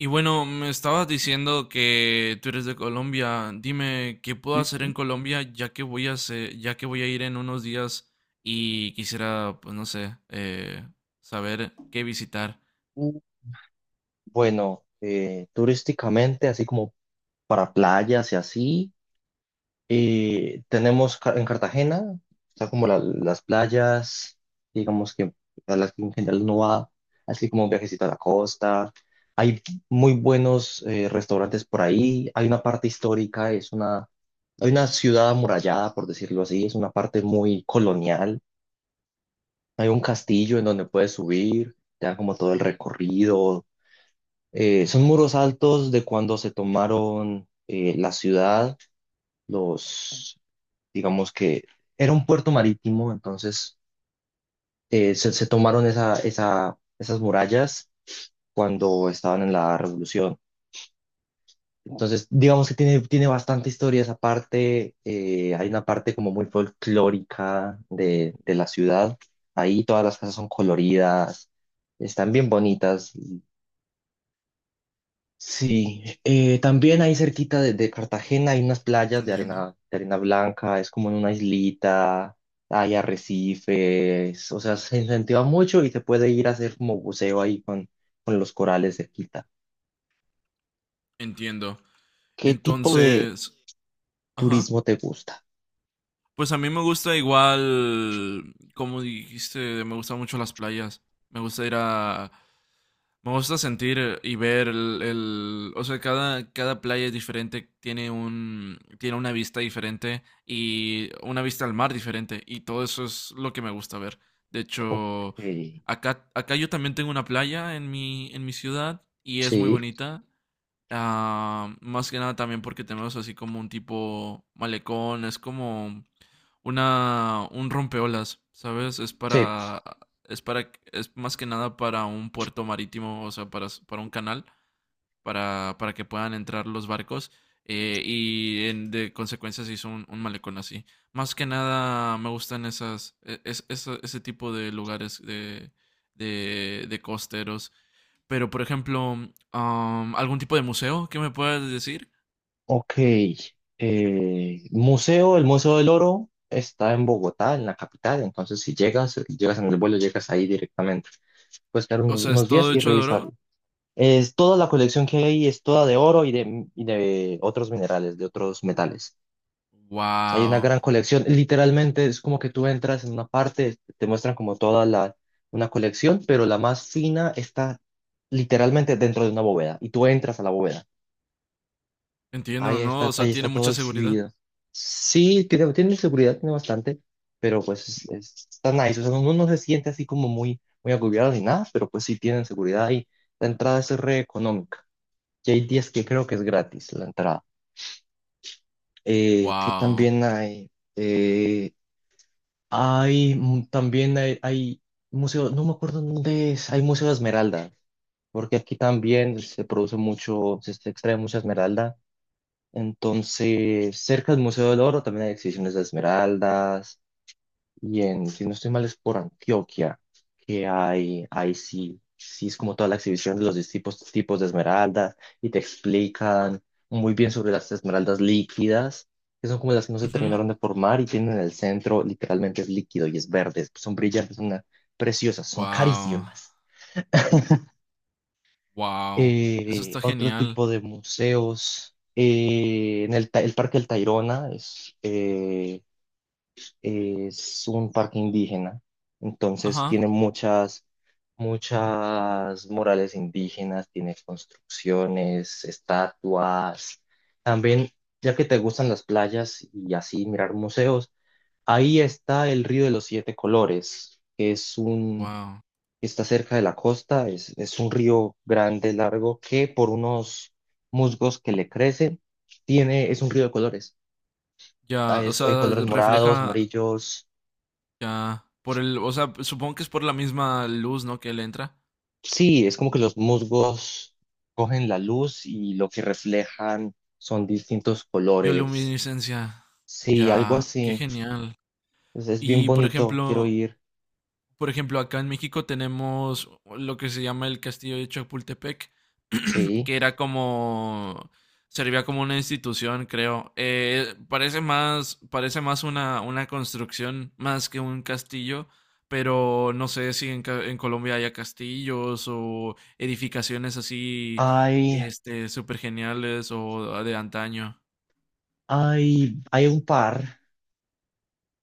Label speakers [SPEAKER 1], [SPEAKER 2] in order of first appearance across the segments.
[SPEAKER 1] Y bueno, me estabas diciendo que tú eres de Colombia. Dime, ¿qué puedo
[SPEAKER 2] Sí,
[SPEAKER 1] hacer
[SPEAKER 2] sí.
[SPEAKER 1] en Colombia ya que voy a ir en unos días y quisiera, pues no sé, saber qué visitar?
[SPEAKER 2] Mm, Bueno, turísticamente, así como para playas y así, en Cartagena, está como las playas, digamos que a las que en general uno va, así como un viajecito a la costa. Hay muy buenos restaurantes por ahí, hay una parte histórica, hay una ciudad amurallada, por decirlo así, es una parte muy colonial. Hay un castillo en donde puedes subir, te dan como todo el recorrido. Son muros altos de cuando se tomaron la ciudad, los, digamos que era un puerto marítimo, entonces se tomaron esas murallas cuando estaban en la revolución. Entonces, digamos que tiene bastante historia esa parte, hay una parte como muy folclórica de la ciudad, ahí todas las casas son coloridas, están bien bonitas. Sí, también ahí cerquita de Cartagena hay unas playas
[SPEAKER 1] Entiendo.
[SPEAKER 2] de arena blanca, es como en una islita, hay arrecifes, o sea, se incentiva mucho y se puede ir a hacer como buceo ahí con los corales cerquita.
[SPEAKER 1] Entiendo.
[SPEAKER 2] ¿Qué tipo de
[SPEAKER 1] Entonces, ajá.
[SPEAKER 2] turismo te gusta?
[SPEAKER 1] Pues a mí me gusta igual, como dijiste, me gustan mucho las playas. Me gusta ir a... Me gusta sentir y ver o sea, cada playa es diferente, tiene un, tiene una vista diferente y una vista al mar diferente y todo eso es lo que me gusta ver. De
[SPEAKER 2] Ok,
[SPEAKER 1] hecho, acá yo también tengo una playa en en mi ciudad y es muy
[SPEAKER 2] sí,
[SPEAKER 1] bonita. Ah, más que nada también porque tenemos así como un tipo malecón, es como una un rompeolas, ¿sabes?
[SPEAKER 2] sí,
[SPEAKER 1] Es más que nada para un puerto marítimo, o sea, para un canal para que puedan entrar los barcos y de consecuencia se hizo un malecón así. Más que nada me gustan esas e- es- esa- ese tipo de lugares de costeros. Pero por ejemplo, algún tipo de museo que me puedas decir?
[SPEAKER 2] ok. Eh, museo, el Museo del Oro está en Bogotá, en la capital, entonces si llegas, llegas en el vuelo, llegas ahí directamente. Puedes quedar
[SPEAKER 1] O
[SPEAKER 2] unos
[SPEAKER 1] sea, es
[SPEAKER 2] unos días
[SPEAKER 1] todo
[SPEAKER 2] y
[SPEAKER 1] hecho de
[SPEAKER 2] revisarlo.
[SPEAKER 1] oro.
[SPEAKER 2] Es toda la colección que hay es toda de oro y de otros minerales, de otros metales. O sea, hay una
[SPEAKER 1] Wow.
[SPEAKER 2] gran colección. Literalmente es como que tú entras en una parte, te muestran como toda la, una colección, pero la más fina está literalmente dentro de una bóveda y tú entras a la bóveda.
[SPEAKER 1] Entiendo, ¿no? O sea,
[SPEAKER 2] Ahí está
[SPEAKER 1] tiene
[SPEAKER 2] todo
[SPEAKER 1] mucha seguridad.
[SPEAKER 2] exhibido. Sí, tiene seguridad, tiene bastante, pero pues está nice. O sea, uno no se siente así como muy, muy agobiado ni nada, pero pues sí tienen seguridad y la entrada es re económica y hay días que creo que es gratis la entrada. Que
[SPEAKER 1] Wow.
[SPEAKER 2] también hay, hay museo, no me acuerdo dónde es, hay Museo de Esmeralda, porque aquí también se produce mucho, se extrae mucha esmeralda. Entonces, cerca del Museo del Oro también hay exhibiciones de esmeraldas. Y en, si no estoy mal, es por Antioquia, que hay, ahí sí, sí es como toda la exhibición de los distintos tipos de esmeraldas y te explican muy bien sobre las esmeraldas líquidas, que son como las que no se
[SPEAKER 1] Ujú.
[SPEAKER 2] terminaron de formar y tienen el centro, literalmente es líquido y es verde, pues son brillantes, preciosas, son
[SPEAKER 1] Wow.
[SPEAKER 2] carísimas.
[SPEAKER 1] Wow. Eso está
[SPEAKER 2] Otro
[SPEAKER 1] genial.
[SPEAKER 2] tipo de museos, el Parque del Tayrona es un parque indígena, entonces
[SPEAKER 1] Ajá.
[SPEAKER 2] tiene muchas, muchas murales indígenas, tiene construcciones, estatuas. También, ya que te gustan las playas y así mirar museos, ahí está el Río de los Siete Colores,
[SPEAKER 1] Wow.
[SPEAKER 2] está cerca de la costa, es un río grande, largo, que por unos musgos que le crecen, tiene, es un río de colores.
[SPEAKER 1] Ya,
[SPEAKER 2] Hay,
[SPEAKER 1] o
[SPEAKER 2] hay
[SPEAKER 1] sea,
[SPEAKER 2] colores morados,
[SPEAKER 1] refleja
[SPEAKER 2] amarillos.
[SPEAKER 1] ya por el, o sea, supongo que es por la misma luz, ¿no? Que le entra.
[SPEAKER 2] Sí, es como que los musgos cogen la luz y lo que reflejan son distintos colores.
[SPEAKER 1] Bioluminiscencia.
[SPEAKER 2] Sí, algo
[SPEAKER 1] Ya, qué
[SPEAKER 2] así.
[SPEAKER 1] genial.
[SPEAKER 2] Pues es bien
[SPEAKER 1] Y por
[SPEAKER 2] bonito, quiero
[SPEAKER 1] ejemplo,
[SPEAKER 2] ir.
[SPEAKER 1] por ejemplo, acá en México tenemos lo que se llama el Castillo de Chapultepec,
[SPEAKER 2] Sí.
[SPEAKER 1] que era como... Servía como una institución, creo. Parece más una construcción más que un castillo, pero no sé si en Colombia haya castillos o edificaciones así,
[SPEAKER 2] Hay,
[SPEAKER 1] este, súper geniales o de antaño.
[SPEAKER 2] hay un par,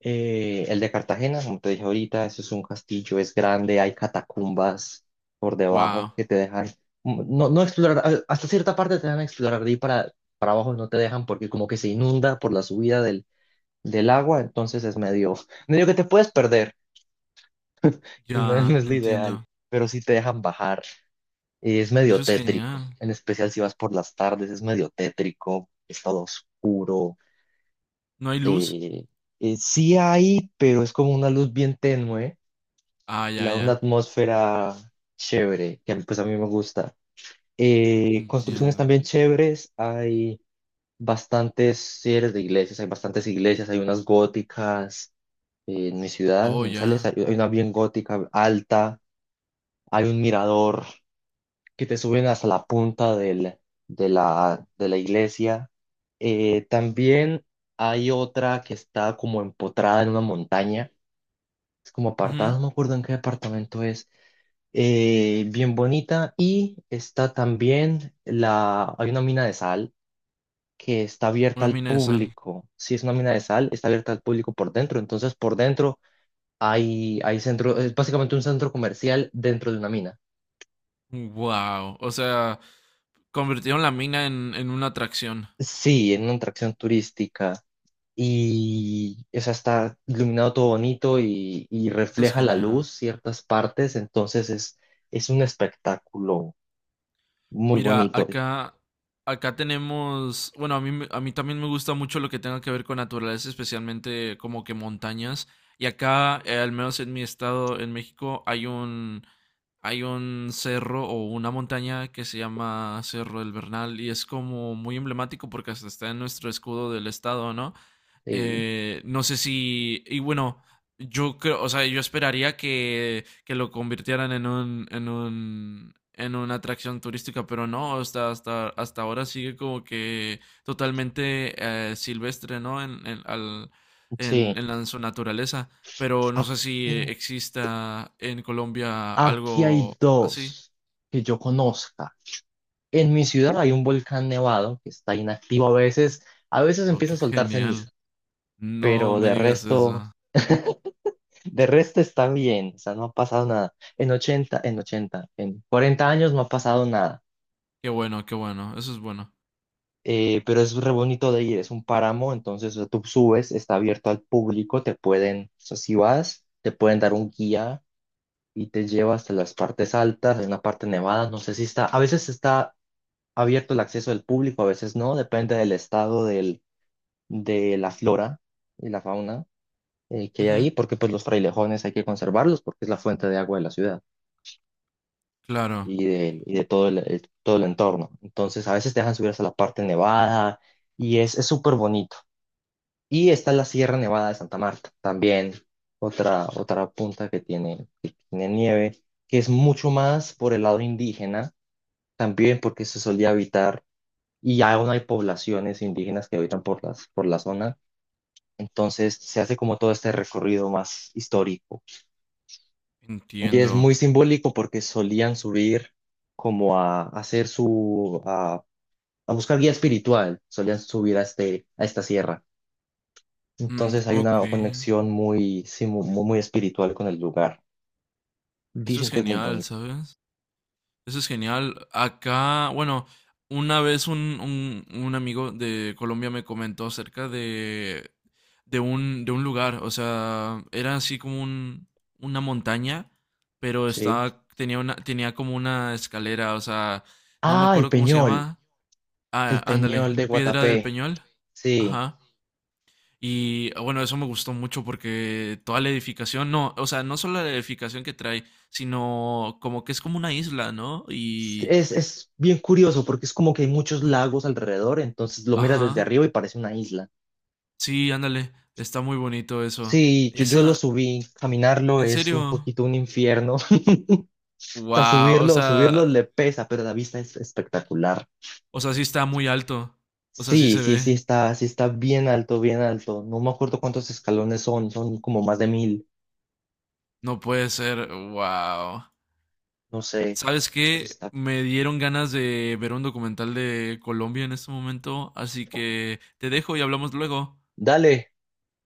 [SPEAKER 2] el de Cartagena, como te dije ahorita, eso es un castillo, es grande, hay catacumbas por debajo
[SPEAKER 1] Wow,
[SPEAKER 2] que te dejan, mm, no, no explorar, hasta cierta parte te dejan explorar de ahí para abajo, no te dejan porque como que se inunda por la subida del agua, entonces es medio que te puedes perder y no es, no
[SPEAKER 1] ya
[SPEAKER 2] es lo
[SPEAKER 1] entiendo.
[SPEAKER 2] ideal, pero sí te dejan bajar. Y es
[SPEAKER 1] Eso
[SPEAKER 2] medio
[SPEAKER 1] es
[SPEAKER 2] tétrico,
[SPEAKER 1] genial.
[SPEAKER 2] en especial si vas por las tardes, es medio tétrico, es todo oscuro.
[SPEAKER 1] ¿No hay luz?
[SPEAKER 2] eh, sí hay, pero es como una luz bien tenue,
[SPEAKER 1] Ah,
[SPEAKER 2] y
[SPEAKER 1] ya,
[SPEAKER 2] la, una
[SPEAKER 1] ya,
[SPEAKER 2] atmósfera chévere, que pues a mí me gusta. Construcciones
[SPEAKER 1] entiendo.
[SPEAKER 2] también chéveres, hay bastantes, si eres de iglesias, hay bastantes iglesias, hay unas góticas. En mi ciudad, en
[SPEAKER 1] Oh,
[SPEAKER 2] Manizales,
[SPEAKER 1] ya.
[SPEAKER 2] hay una bien gótica, alta, hay un mirador que te suben hasta la punta de la iglesia.
[SPEAKER 1] Ujú.
[SPEAKER 2] También hay otra que está como empotrada en una montaña, es como apartada,
[SPEAKER 1] Ujú.
[SPEAKER 2] no me acuerdo en qué departamento es. Bien bonita. Y está también la, hay una mina de sal que está abierta
[SPEAKER 1] Una
[SPEAKER 2] al
[SPEAKER 1] mina de sal.
[SPEAKER 2] público. Si es una mina de sal, está abierta al público por dentro, entonces por dentro es básicamente un centro comercial dentro de una mina.
[SPEAKER 1] Wow. O sea, convirtieron la mina en una atracción.
[SPEAKER 2] Sí, en una atracción turística. Y, o sea, está iluminado todo bonito y
[SPEAKER 1] Eso es
[SPEAKER 2] refleja la luz
[SPEAKER 1] genial.
[SPEAKER 2] ciertas partes, entonces es un espectáculo muy
[SPEAKER 1] Mira,
[SPEAKER 2] bonito.
[SPEAKER 1] acá, acá tenemos, bueno, a mí también me gusta mucho lo que tenga que ver con naturaleza, especialmente como que montañas. Y acá, al menos en mi estado, en México, hay un cerro o una montaña que se llama Cerro del Bernal y es como muy emblemático porque hasta está en nuestro escudo del estado, ¿no?
[SPEAKER 2] Sí,
[SPEAKER 1] No sé si. Y bueno, yo creo, o sea, yo esperaría que lo convirtieran en un, en un, en una atracción turística, pero no, hasta ahora sigue como que totalmente silvestre, ¿no?
[SPEAKER 2] sí.
[SPEAKER 1] En en su naturaleza. Pero no sé si
[SPEAKER 2] Aquí,
[SPEAKER 1] exista en Colombia
[SPEAKER 2] aquí hay
[SPEAKER 1] algo así.
[SPEAKER 2] dos que yo conozca. En mi ciudad hay un volcán nevado que está inactivo a veces
[SPEAKER 1] Oh, qué
[SPEAKER 2] empieza a soltar ceniza,
[SPEAKER 1] genial. No
[SPEAKER 2] pero
[SPEAKER 1] me
[SPEAKER 2] de
[SPEAKER 1] digas
[SPEAKER 2] resto...
[SPEAKER 1] eso.
[SPEAKER 2] De resto está bien, o sea, no ha pasado nada. En 40 años no ha pasado nada.
[SPEAKER 1] Qué bueno, qué bueno. Eso es bueno.
[SPEAKER 2] Pero es re bonito de ir, es un páramo, entonces o sea, tú subes, está abierto al público, te pueden, o sea, si vas, te pueden dar un guía y te lleva hasta las partes altas, hay una parte nevada, no sé si está, a veces está abierto el acceso del público, a veces no, depende del estado del, de la flora y la fauna que hay
[SPEAKER 1] Ujú,
[SPEAKER 2] ahí, porque pues los frailejones hay que conservarlos porque es la fuente de agua de la ciudad.
[SPEAKER 1] claro,
[SPEAKER 2] Y de todo todo el entorno. Entonces, a veces te dejan subir hasta la parte nevada y es súper bonito. Y está la Sierra Nevada de Santa Marta, también otra, otra punta que tiene nieve, que es mucho más por el lado indígena, también porque se solía habitar y aún hay poblaciones indígenas que habitan por la zona. Entonces se hace como todo este recorrido más histórico. Y es
[SPEAKER 1] entiendo.
[SPEAKER 2] muy simbólico porque solían subir como a hacer su, a buscar guía espiritual, solían subir a, este, a esta sierra.
[SPEAKER 1] Mm,
[SPEAKER 2] Entonces hay
[SPEAKER 1] ok.
[SPEAKER 2] una conexión muy, sí, muy espiritual con el lugar.
[SPEAKER 1] Eso
[SPEAKER 2] Dicen
[SPEAKER 1] es
[SPEAKER 2] que es muy
[SPEAKER 1] genial,
[SPEAKER 2] bonito.
[SPEAKER 1] ¿sabes? Eso es genial. Acá, bueno, una vez un amigo de Colombia me comentó acerca de, de un lugar. O sea, era así como un, una montaña, pero
[SPEAKER 2] Sí.
[SPEAKER 1] estaba, tenía una, tenía como una escalera. O sea, no me
[SPEAKER 2] Ah,
[SPEAKER 1] acuerdo cómo se llama.
[SPEAKER 2] El
[SPEAKER 1] Ah,
[SPEAKER 2] Peñol
[SPEAKER 1] ándale,
[SPEAKER 2] de
[SPEAKER 1] Piedra del
[SPEAKER 2] Guatapé.
[SPEAKER 1] Peñol.
[SPEAKER 2] Sí.
[SPEAKER 1] Ajá. Y bueno, eso me gustó mucho porque toda la edificación, no, o sea, no solo la edificación que trae, sino como que es como una isla, ¿no? Y,
[SPEAKER 2] Es bien curioso porque es como que hay muchos lagos alrededor, entonces lo miras desde
[SPEAKER 1] ajá,
[SPEAKER 2] arriba y parece una isla.
[SPEAKER 1] sí, ándale, está muy bonito eso.
[SPEAKER 2] Sí, yo lo
[SPEAKER 1] Esa,
[SPEAKER 2] subí, caminarlo
[SPEAKER 1] en
[SPEAKER 2] es un
[SPEAKER 1] serio,
[SPEAKER 2] poquito un infierno. O sea,
[SPEAKER 1] wow,
[SPEAKER 2] subirlo, subirlo le pesa, pero la vista es espectacular.
[SPEAKER 1] o sea, sí está muy alto, o sea, sí
[SPEAKER 2] Sí,
[SPEAKER 1] se
[SPEAKER 2] sí,
[SPEAKER 1] ve,
[SPEAKER 2] sí está bien alto, bien alto. No me acuerdo cuántos escalones son, son como más de 1.000,
[SPEAKER 1] no puede ser, wow.
[SPEAKER 2] no sé,
[SPEAKER 1] ¿Sabes
[SPEAKER 2] pero
[SPEAKER 1] qué?
[SPEAKER 2] está.
[SPEAKER 1] Me dieron ganas de ver un documental de Colombia en este momento, así que te dejo y hablamos luego.
[SPEAKER 2] Dale,